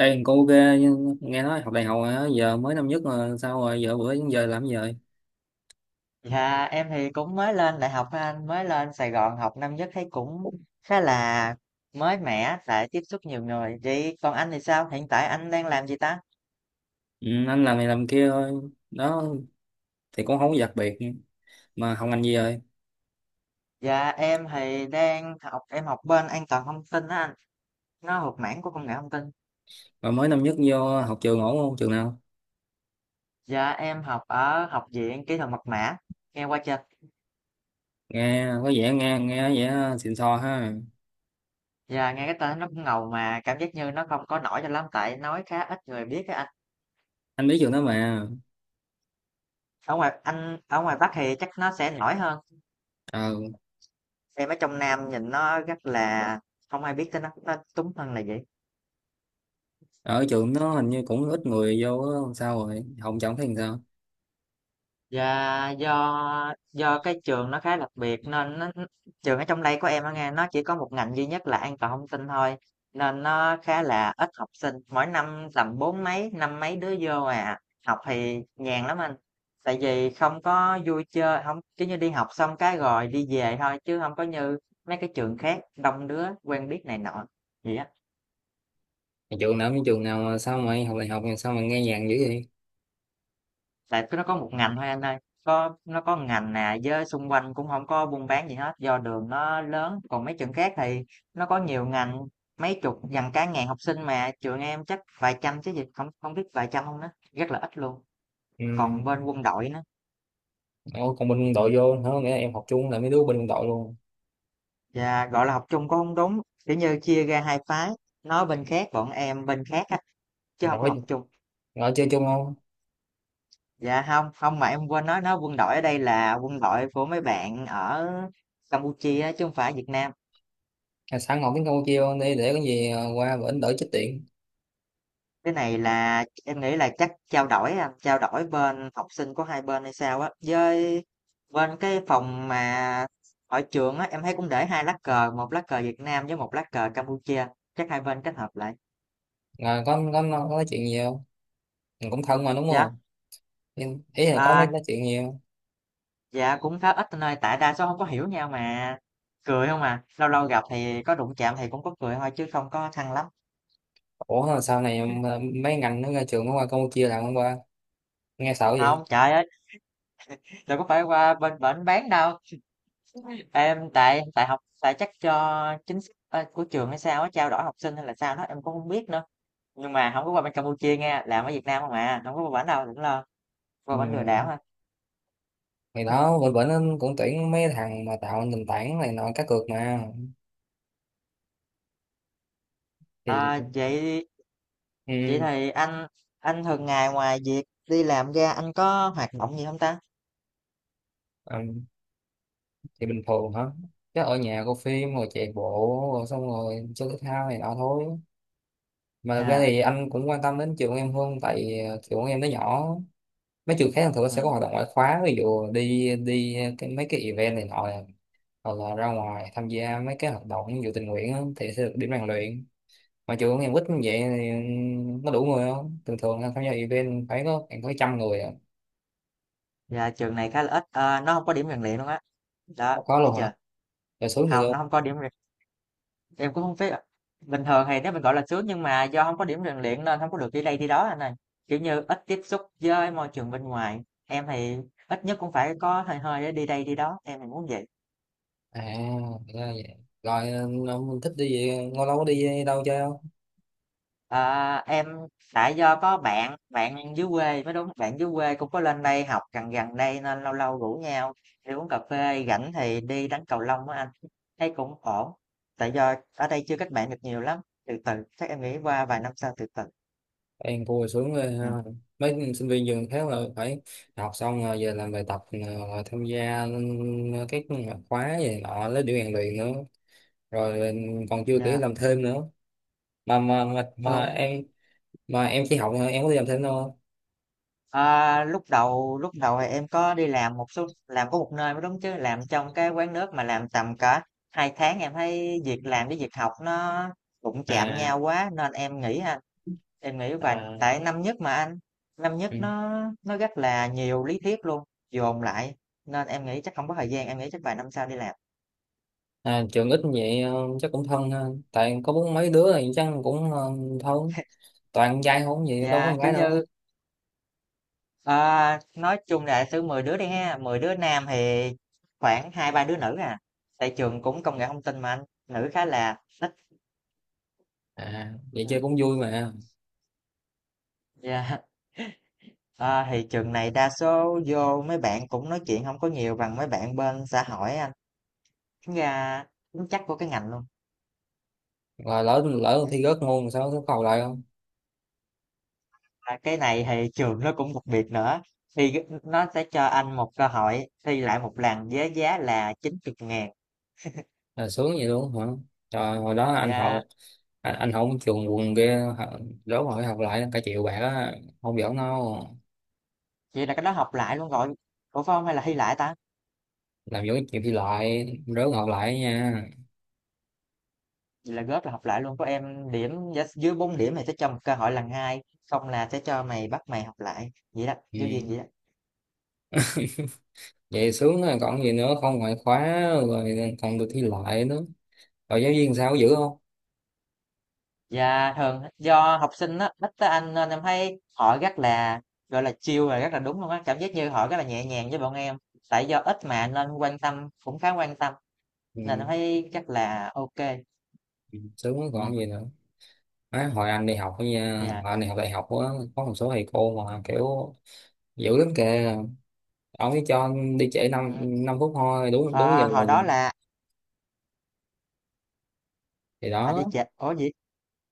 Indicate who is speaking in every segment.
Speaker 1: Ê, cô ok nhưng nghe nói học đại học hả? Giờ mới năm nhất mà sao rồi giờ bữa đến giờ làm gì rồi?
Speaker 2: Dạ em thì cũng mới lên đại học thôi anh, mới lên Sài Gòn học năm nhất, thấy cũng khá là mới mẻ tại tiếp xúc nhiều người vậy. Còn anh thì sao, hiện tại anh đang làm gì ta?
Speaker 1: Ừ, anh làm này làm kia thôi đó, thì cũng không có đặc biệt. Mà học ngành gì rồi?
Speaker 2: Dạ em thì đang học, em học bên an toàn thông tin á anh, nó thuộc mảng của công nghệ thông tin.
Speaker 1: Mà mới năm nhất vô học trường ổn không, trường nào?
Speaker 2: Dạ em học ở Học viện Kỹ thuật Mật mã, nghe qua chưa?
Speaker 1: Nghe có vẻ nghe nghe có vẻ xịn sò ha.
Speaker 2: Dạ nghe cái tên nó cũng ngầu mà cảm giác như nó không có nổi cho lắm, tại nói khá ít người biết á anh.
Speaker 1: Anh biết trường đó
Speaker 2: Ừ.
Speaker 1: mà.
Speaker 2: Ở ngoài, anh ở ngoài Bắc thì chắc nó sẽ nổi hơn.
Speaker 1: ờ,
Speaker 2: Xem ở trong Nam nhìn nó rất là không ai biết tới nó túng thân là vậy.
Speaker 1: Ở trường nó hình như cũng ít người vô á, sao rồi học chẳng thấy làm sao.
Speaker 2: Dạ, do cái trường nó khá đặc biệt nên nó, trường ở trong đây của em á nghe, nó chỉ có một ngành duy nhất là an toàn thông tin thôi, nên nó khá là ít học sinh, mỗi năm tầm bốn mấy, năm mấy đứa vô à. Học thì nhàn lắm anh, tại vì không có vui chơi, không kiểu như, đi học xong cái rồi đi về thôi, chứ không có như mấy cái trường khác đông đứa quen biết này nọ, gì á.
Speaker 1: Trường nào như trường nào mà sao mày học đại học mà sao mà nghe nhàng dữ vậy?
Speaker 2: Tại nó có một ngành thôi anh ơi, có nó có một ngành nè với xung quanh cũng không có buôn bán gì hết, do đường nó lớn. Còn mấy trường khác thì nó có nhiều ngành, mấy chục gần cả ngàn học sinh, mà trường em chắc vài trăm chứ gì, không không biết vài trăm không đó, rất là ít luôn.
Speaker 1: Ừ.
Speaker 2: Còn bên quân đội nữa,
Speaker 1: Ủa, còn bên quân
Speaker 2: và
Speaker 1: đội vô nữa, nghĩa là em học chung là mấy đứa bên quân đội luôn?
Speaker 2: gọi là học chung cũng hông đúng, kiểu như, chia ra hai phái, nó bên khác, bọn em bên khác á, chứ không có học
Speaker 1: Rồi,
Speaker 2: chung.
Speaker 1: chơi chung không?
Speaker 2: Dạ không, không mà em quên nói, nó quân đội ở đây là quân đội của mấy bạn ở Campuchia á, chứ không phải Việt Nam.
Speaker 1: À, sẵn học tiếng Campuchia luôn đi để có gì qua bển đỡ chết tiện.
Speaker 2: Cái này là em nghĩ là chắc trao đổi anh, trao đổi bên học sinh của hai bên hay sao á, với bên cái phòng mà ở trường á, em thấy cũng để hai lá cờ, một lá cờ Việt Nam với một lá cờ Campuchia, chắc hai bên kết hợp lại.
Speaker 1: À, có nói chuyện gì không? Mình cũng thân mà đúng
Speaker 2: Dạ,
Speaker 1: không? Ý là có nói,
Speaker 2: à,
Speaker 1: nói chuyện gì không?
Speaker 2: dạ cũng khá ít anh ơi, tại đa số không có hiểu nhau mà cười không à, lâu lâu gặp thì có đụng chạm thì cũng có cười thôi chứ không có thân lắm.
Speaker 1: Ủa mà sau này mà mấy ngành nó ra trường nó qua Campuchia làm không qua, nghe sợ vậy.
Speaker 2: Không, trời ơi, đừng có phải qua bên bển bán đâu. Em tại tại học tại chắc cho chính sách của trường hay sao á, trao đổi học sinh hay là sao đó em cũng không biết nữa, nhưng mà không có qua bên Campuchia nghe, làm ở Việt Nam không à, không có qua bển đâu đừng lo. Qua
Speaker 1: Ừ.
Speaker 2: bển lừa đảo hả?
Speaker 1: Thì đó, bên bển nó cũng tuyển mấy thằng mà tạo nền tảng này nọ cá cược mà. Thì
Speaker 2: À, chị
Speaker 1: ừ,
Speaker 2: thì anh thường ngày ngoài việc đi làm ra anh có hoạt động gì không ta?
Speaker 1: ừ, thì bình thường hả? Chứ ở nhà coi phim rồi chạy bộ rồi xong rồi chơi thể thao này nọ thôi. Mà thực ra
Speaker 2: À.
Speaker 1: thì anh cũng quan tâm đến trường của em hơn, tại trường của em nó nhỏ. Mấy trường khác thường nó sẽ có
Speaker 2: Ừ.
Speaker 1: hoạt động ngoại khóa, ví dụ đi đi cái, mấy cái event này nọ, hoặc là ra ngoài tham gia mấy cái hoạt động ví dụ tình nguyện á, thì sẽ được điểm rèn luyện. Mà trường của em ít như vậy thì nó đủ người không? Thường thường tham gia event phải có khoảng 100 người à.
Speaker 2: Dạ trường này khá là ít. Ờ, nó không có điểm rèn luyện luôn á, đó
Speaker 1: Nó có
Speaker 2: thấy
Speaker 1: luôn hả?
Speaker 2: chưa.
Speaker 1: Rồi xuống vậy
Speaker 2: Không,
Speaker 1: luôn?
Speaker 2: nó không có điểm. Em cũng không biết ạ. Bình thường thì nếu mình, gọi là, sướng nhưng mà do không có điểm rèn luyện nên không có được đi đây đi đó anh ơi, kiểu như, ít tiếp xúc với môi trường bên ngoài. Em thì ít nhất cũng phải có hơi hơi để đi đây đi đó, em thì muốn vậy.
Speaker 1: À ra vậy. Rồi ông thích đi gì, lâu lâu có đi đâu chơi không?
Speaker 2: Ờ, em tại do có bạn, bạn dưới quê mới đúng, bạn dưới quê cũng có lên đây học gần gần đây nên lâu lâu rủ nhau đi uống cà phê, rảnh thì đi đánh cầu lông á anh, thấy cũng ổn. Tại do ở đây chưa kết bạn được nhiều lắm, từ từ, chắc em nghĩ qua vài năm sau từ từ.
Speaker 1: Em vui xuống rồi ha.
Speaker 2: Ừm,
Speaker 1: Mấy sinh viên trường khác là phải học xong rồi về làm bài tập, rồi tham gia các khóa gì nọ lấy điểm rèn luyện nữa, rồi còn chưa kể
Speaker 2: yeah.
Speaker 1: làm thêm nữa. Mà em, mà em chỉ học thôi, em có đi làm thêm đâu không?
Speaker 2: Ờ, lúc đầu thì em có đi làm một số, làm có một nơi mới đúng, chứ làm trong cái quán nước mà làm tầm cả 2 tháng, em thấy việc làm với việc học nó đụng chạm nhau
Speaker 1: À.
Speaker 2: quá nên em nghĩ ha, em nghĩ vậy
Speaker 1: À,
Speaker 2: tại năm nhất mà anh, năm
Speaker 1: ừ.
Speaker 2: nhất nó rất là nhiều lý thuyết luôn dồn lại, nên em nghĩ chắc không có thời gian, em nghĩ chắc vài năm sau đi làm.
Speaker 1: À, trường ít như vậy chắc cũng thân ha, tại có bốn mấy đứa thì chắc cũng thân. Toàn con trai không vậy, đâu có
Speaker 2: Dạ
Speaker 1: con
Speaker 2: kiểu
Speaker 1: gái đâu?
Speaker 2: như, ờ, nói chung là thứ 10 đứa đi ha, 10 đứa nam thì khoảng hai ba đứa nữ à, tại trường cũng công nghệ thông tin mà anh, nữ khá là ít.
Speaker 1: À vậy
Speaker 2: Ừ.
Speaker 1: chơi cũng vui mà.
Speaker 2: Dạ, à, thì trường này đa số vô mấy bạn cũng nói chuyện không có nhiều bằng mấy bạn bên xã hội anh. Tính ra tính chất của cái ngành luôn.
Speaker 1: Rồi lỡ lỡ thi rớt môn sao, có cầu lại không?
Speaker 2: Và cái này thì trường nó cũng đặc biệt nữa. Thì cái- nó sẽ cho anh một cơ hội thi lại một lần với giá là 90 ngàn.
Speaker 1: Là sướng vậy luôn hả? Trời, hồi đó anh học,
Speaker 2: Dạ,
Speaker 1: anh học trường quần kia hả? Rớt mà học lại cả triệu bạc á, không giỡn đâu.
Speaker 2: vậy là cái đó học lại luôn rồi. Ủa phải không, hay là thi lại ta?
Speaker 1: Làm giống chịu thi lại, rớt học lại nha.
Speaker 2: Vậy là góp là học lại luôn. Có em điểm giá- dưới 4 điểm thì sẽ cho một cơ hội lần hai. Không là sẽ cho mày, bắt mày học lại. Vậy đó, giáo viên
Speaker 1: Ừ.
Speaker 2: vậy đó.
Speaker 1: Vậy sướng rồi còn gì nữa, không ngoại khóa, rồi còn được thi lại nữa, rồi giáo viên sao có dữ không?
Speaker 2: Dạ thường do học sinh á, ít tới Anh nên em thấy họ rất là, gọi là, chill và rất là đúng luôn á, cảm giác như họ rất là nhẹ nhàng với bọn em. Tại do ít mà nên quan tâm, cũng khá quan tâm, nên
Speaker 1: Ừ.
Speaker 2: em thấy chắc là ok kê.
Speaker 1: Ừ, sướng rồi
Speaker 2: Ừm,
Speaker 1: còn gì nữa. Má, hồi anh đi học á nha,
Speaker 2: dạ.
Speaker 1: hồi anh đi học đại học á, có một số thầy cô mà kiểu dữ lắm kìa. Ông ấy cho đi trễ năm
Speaker 2: Ừm.
Speaker 1: 5 phút thôi, đúng đúng
Speaker 2: Ờ,
Speaker 1: giờ là
Speaker 2: hồi
Speaker 1: gì.
Speaker 2: đó là,
Speaker 1: Thì
Speaker 2: à,
Speaker 1: đó.
Speaker 2: đi trễ ủa gì?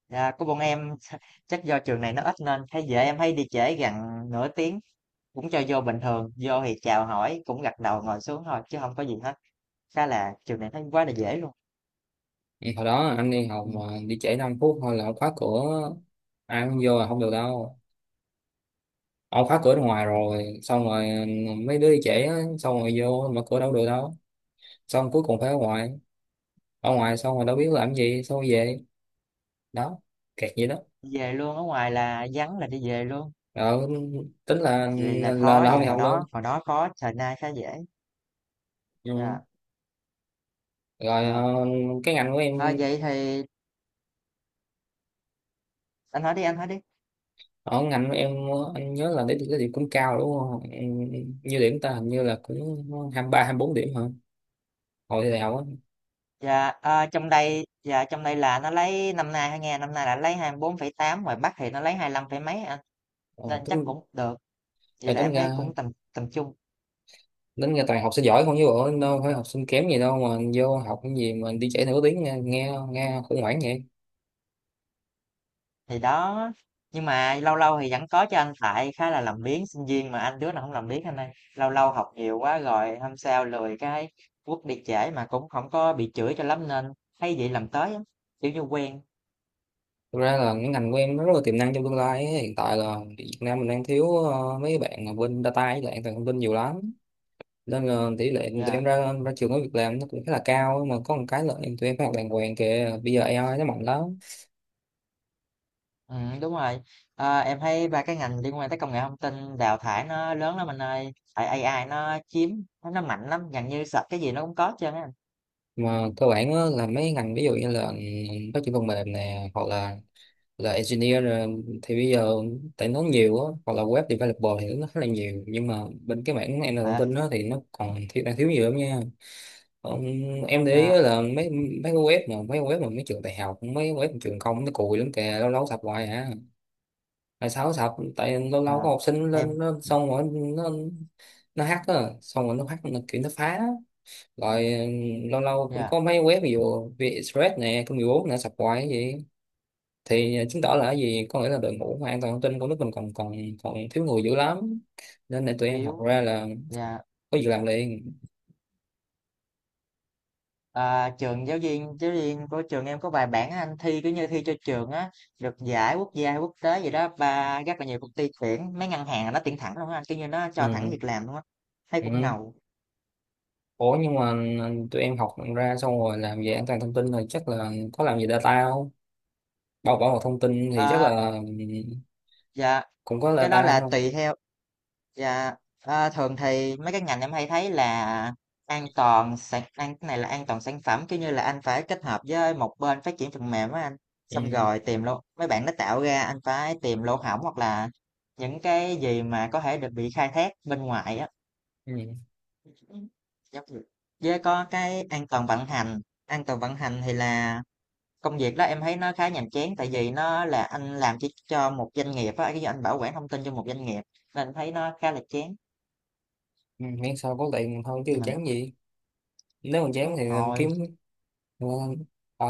Speaker 2: Dạ, của bọn em. Chắc do trường này nó ít nên thấy dễ, em thấy đi trễ gần nửa tiếng, cũng cho vô bình thường, vô thì chào hỏi, cũng gật đầu ngồi xuống thôi chứ không có gì hết, khá là trường này thấy quá là dễ luôn.
Speaker 1: Thì hồi đó anh đi học
Speaker 2: Ừ.
Speaker 1: mà đi trễ 5 phút thôi là ông khóa cửa, ai cũng vô là không được đâu. Ông khóa cửa ở ngoài rồi xong rồi, mấy đứa đi trễ á, xong rồi vô mở cửa đâu được đâu, xong cuối cùng phải ở ngoài. Ở ngoài xong rồi đâu biết làm gì, xong rồi về đó, kẹt vậy đó.
Speaker 2: Về luôn, ở ngoài là vắng là đi về luôn.
Speaker 1: ờ, Tính là,
Speaker 2: Vậy là
Speaker 1: là
Speaker 2: khó,
Speaker 1: là
Speaker 2: vậy
Speaker 1: không
Speaker 2: là
Speaker 1: đi
Speaker 2: hồi
Speaker 1: học luôn.
Speaker 2: đó hồi đó khó, thời nay khá dễ.
Speaker 1: Ừ.
Speaker 2: Dạ.
Speaker 1: Rồi
Speaker 2: Ờ.
Speaker 1: cái ngành của em,
Speaker 2: Ờ, vậy thì anh hỏi đi, anh hỏi đi.
Speaker 1: ở ngành của em anh nhớ là điểm, cái điểm cũng cao đúng không? Ừ, như điểm ta hình như là cũng 23-24 điểm hả, hồi đại học á.
Speaker 2: Dạ trong đây, dạ trong đây là nó lấy năm nay, hay nghe năm nay là lấy 24,8, ngoài Bắc thì nó lấy 25 phẩy mấy anh,
Speaker 1: Ờ,
Speaker 2: nên chắc
Speaker 1: tính.
Speaker 2: cũng được, vậy
Speaker 1: Rồi
Speaker 2: là em
Speaker 1: tính
Speaker 2: thấy
Speaker 1: ra,
Speaker 2: cũng tầm tầm trung.
Speaker 1: tính ra toàn học sinh giỏi không chứ bộ đâu phải học sinh kém gì đâu, mà vô học cái gì mà đi trễ nửa tiếng nghe nghe, nghe khủng hoảng vậy.
Speaker 2: Thì đó, nhưng mà lâu lâu thì vẫn có cho anh, tại khá là làm biếng, sinh viên mà anh, đứa nào không làm biếng anh ơi. Lâu lâu học nhiều quá rồi hôm sau lười cái quất đi trễ, mà cũng không có bị chửi cho lắm nên thấy vậy làm tới á, kiểu như quen.
Speaker 1: Thực ra là cái ngành của em nó rất là tiềm năng trong tương lai ấy. Hiện tại là Việt Nam mình đang thiếu mấy bạn mà bên data với lại an toàn thông tin nhiều lắm, nên là tỷ lệ tụi
Speaker 2: Yeah,
Speaker 1: em ra ra trường có việc làm nó cũng khá là cao. Nhưng mà có một cái là tụi em phải học đàng hoàng kìa, bây giờ AI nó mạnh lắm.
Speaker 2: đúng rồi. Ờ, em thấy 3 cái ngành liên quan tới công nghệ thông tin đào thải nó lớn lắm anh ơi, tại AI nó chiếm, nó mạnh lắm, gần như search cái gì nó cũng có hết trơn á anh.
Speaker 1: Mà cơ bản á, là mấy ngành ví dụ như là phát triển phần mềm nè, hoặc là engineer thì bây giờ tại nó nhiều á, hoặc là web developer thì nó khá là nhiều, nhưng mà bên cái mảng an toàn thông
Speaker 2: Ờ,
Speaker 1: tin đó thì nó còn thiếu, đang thiếu nhiều lắm nha. Ông, em để ý
Speaker 2: ờ,
Speaker 1: á là mấy mấy cái web mà mấy cái web mà mấy trường đại học, mấy cái web mà trường công nó cùi lắm kìa, lâu lâu sập hoài à. Tại sao sập? Tại lâu
Speaker 2: ờ,
Speaker 1: lâu có học sinh
Speaker 2: em,
Speaker 1: lên nó xong rồi nó hack á, xong rồi nó hack nó kiểu nó phá. Rồi lâu lâu cũng
Speaker 2: yeah,
Speaker 1: có mấy web ví dụ VietExpress nè, công nghiệp bốn nè, sập hoài vậy. Thì à, chứng tỏ là cái gì, có nghĩa là đội ngũ mà an toàn thông tin của nước mình còn còn còn thiếu người dữ lắm, nên để tụi em học
Speaker 2: yếu,
Speaker 1: ra là
Speaker 2: yeah.
Speaker 1: có việc làm liền.
Speaker 2: À, trường, giáo viên của trường em có vài bạn anh, thi cứ như thi cho trường á, được giải quốc gia hay quốc tế gì đó, và rất là nhiều công ty tuyển, mấy ngân hàng là nó tuyển thẳng luôn á anh, kiểu như nó cho thẳng
Speaker 1: Ừ.
Speaker 2: việc làm luôn á, thấy cũng
Speaker 1: Ừ.
Speaker 2: ngầu.
Speaker 1: Ủa nhưng mà tụi em học ra xong rồi làm về an toàn thông tin rồi chắc là có làm về data không, bảo bảo mật thông tin thì chắc
Speaker 2: À,
Speaker 1: là,
Speaker 2: dạ
Speaker 1: cũng có
Speaker 2: cái đó
Speaker 1: data
Speaker 2: là
Speaker 1: không?
Speaker 2: tùy theo. Dạ, thường thì mấy cái ngành em hay thấy là an toàn sản an cái này là an toàn sản phẩm, kiểu như là anh phải kết hợp với một bên phát triển phần mềm á anh, xong
Speaker 1: Ừ.
Speaker 2: rồi tìm lỗ mấy bạn nó tạo ra, anh phải tìm lỗ hổng, hoặc là những cái gì mà có thể được bị khai thác bên ngoài á.
Speaker 1: Ừ.
Speaker 2: Giống như- với có cái an toàn vận hành, an toàn vận hành thì là công việc đó em thấy nó khá nhàm chán, tại vì nó là anh làm chỉ cho một doanh nghiệp á, cái anh bảo quản thông tin cho một doanh nghiệp nên thấy nó khá là chán,
Speaker 1: Ừ. Miễn sao có tiền thôi chứ
Speaker 2: nhưng mà.
Speaker 1: chán gì. Nếu mà chán
Speaker 2: Đúng
Speaker 1: thì
Speaker 2: rồi,
Speaker 1: kiếm, đúng không? Ở,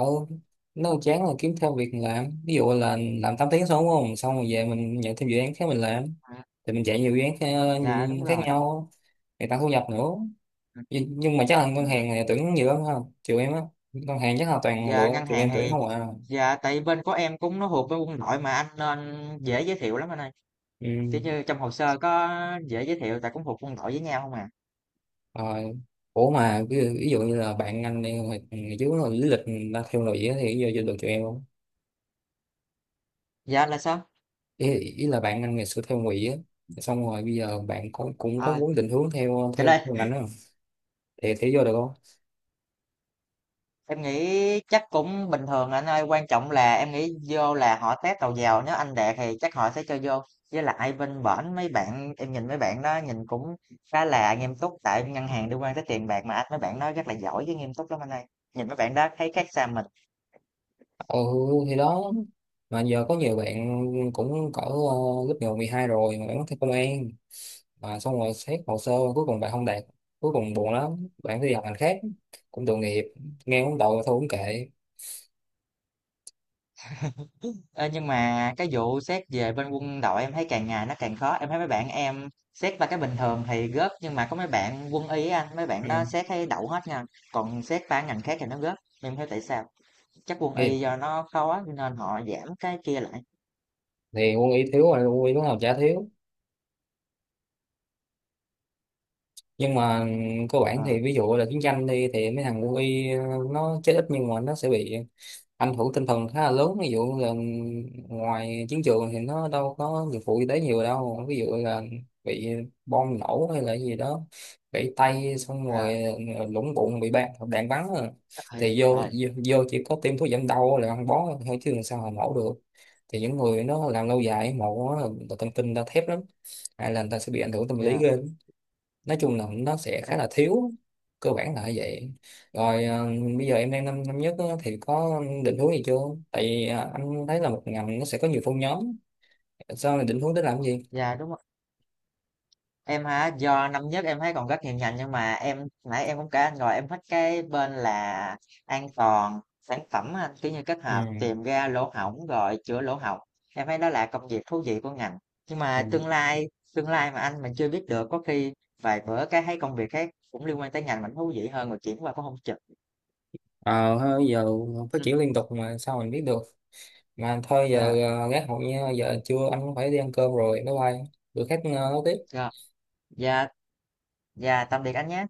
Speaker 1: nếu chán là kiếm thêm việc làm, ví dụ là làm 8 tiếng xong đúng không, xong rồi về mình nhận thêm dự án khác mình làm,
Speaker 2: à,
Speaker 1: thì mình chạy nhiều dự án khác,
Speaker 2: dạ đúng
Speaker 1: khác
Speaker 2: rồi.
Speaker 1: nhau, để tăng thu nhập nữa.
Speaker 2: Ừ,
Speaker 1: Nhưng mà chắc là ngân
Speaker 2: ừ.
Speaker 1: hàng này tuyển nhiều lắm ha, trừ em á. Ngân hàng chắc là toàn
Speaker 2: Dạ
Speaker 1: lựa
Speaker 2: ngân
Speaker 1: trừ
Speaker 2: hàng
Speaker 1: em tuyển
Speaker 2: thì,
Speaker 1: không à.
Speaker 2: dạ tại bên của em cũng nó thuộc với quân đội mà anh nên dễ giới thiệu lắm anh ơi. Kiểu
Speaker 1: Ừ.
Speaker 2: như trong hồ sơ có dễ giới thiệu tại cũng thuộc quân đội với nhau không à.
Speaker 1: Rồi, ủa mà ví dụ như là bạn anh đi hồi ngày trước là lý lịch người ta theo lụy á, thì giờ vô được tụi em không?
Speaker 2: Dạ là sao?
Speaker 1: Ý là bạn anh ngày xưa theo ngụy á, xong rồi bây giờ bạn cũng cũng có
Speaker 2: À,
Speaker 1: muốn định hướng theo
Speaker 2: cái
Speaker 1: theo
Speaker 2: đây.
Speaker 1: ngành đó, thì vô được không?
Speaker 2: Em nghĩ chắc cũng bình thường anh ơi, quan trọng là em nghĩ vô là họ test đầu vào, nếu anh đạt thì chắc họ sẽ cho vô. Với lại bên bển mấy bạn, em nhìn mấy bạn đó nhìn cũng khá là nghiêm túc, tại ngân hàng liên quan tới tiền bạc mà anh, mấy bạn đó rất là giỏi với nghiêm túc lắm anh ơi. Nhìn mấy bạn đó thấy khác xa mình.
Speaker 1: Ừ thì đó. Mà giờ có nhiều bạn cũng cỡ lớp 10, 12 rồi mà vẫn thi công an, mà xong rồi xét hồ sơ cuối cùng bạn không đạt, cuối cùng buồn lắm bạn phải đi học ngành khác, cũng tội nghiệp, nghe cũng tội mà thôi cũng kệ.
Speaker 2: Ê, nhưng mà cái vụ xét về bên quân đội em thấy càng ngày nó càng khó. Em thấy mấy bạn em xét ba cái bình thường thì gớp, nhưng mà có mấy bạn quân y á anh, mấy bạn
Speaker 1: Ừ.
Speaker 2: đó xét thấy đậu hết nha. Còn xét ba ngành khác thì nó gớp. Em không hiểu tại sao? Chắc quân y
Speaker 1: thì,
Speaker 2: do nó khó nên họ giảm cái kia lại.
Speaker 1: thì quân y thiếu rồi, quân y lúc nào chả thiếu. Nhưng mà, cơ bản
Speaker 2: Ờ,
Speaker 1: thì ví dụ là chiến tranh đi thì mấy thằng quân y nó chết ít, nhưng mà nó sẽ bị anh hưởng tinh thần khá là lớn, ví dụ là ngoài chiến trường thì nó đâu có dụng cụ y tế nhiều đâu, ví dụ là bị bom nổ hay là gì đó, gãy tay xong
Speaker 2: yeah,
Speaker 1: rồi lũng bụng bị đạn đạn bắn à.
Speaker 2: chắc thì
Speaker 1: Thì vô, vô vô chỉ có tiêm thuốc giảm đau là ăn bó thôi chứ làm sao mà nổ được. Thì những người nó làm lâu dài mổ á, thần kinh người ta thép lắm, hay là người ta sẽ bị ảnh hưởng tâm lý
Speaker 2: dạ
Speaker 1: ghê. Nói chung là nó sẽ
Speaker 2: chắc-
Speaker 1: khá là thiếu, cơ bản là như vậy. Rồi bây giờ em đang năm năm nhất á, thì có định hướng gì chưa? Tại vì anh thấy là một ngành nó sẽ có nhiều phân nhóm, sao mình định hướng để làm cái gì?
Speaker 2: yeah, đúng rồi. Em hả? Do năm nhất em thấy còn rất nhiều ngành, nhưng mà em nãy em cũng kể anh rồi, em thích cái bên là an toàn sản phẩm á anh, kiểu như kết
Speaker 1: Ừ.
Speaker 2: hợp tìm ra lỗ hổng rồi chữa lỗ hổng, em thấy đó là công việc thú vị của ngành. Nhưng mà
Speaker 1: Ừ.
Speaker 2: tương lai mà anh mình chưa biết được, có khi vài bữa cái thấy công việc khác cũng liên quan tới ngành mình thú vị hơn rồi chuyển qua cũng không chừng.
Speaker 1: Ờ ha, giờ phát
Speaker 2: Ừ.
Speaker 1: triển liên tục mà sao mình biết được. Mà thôi giờ
Speaker 2: Dạ,
Speaker 1: gác hội nha, giờ trưa anh cũng phải đi ăn cơm rồi, bye bye, bữa khác nói tiếp.
Speaker 2: dạ, dạ, dạ tạm biệt anh nhé.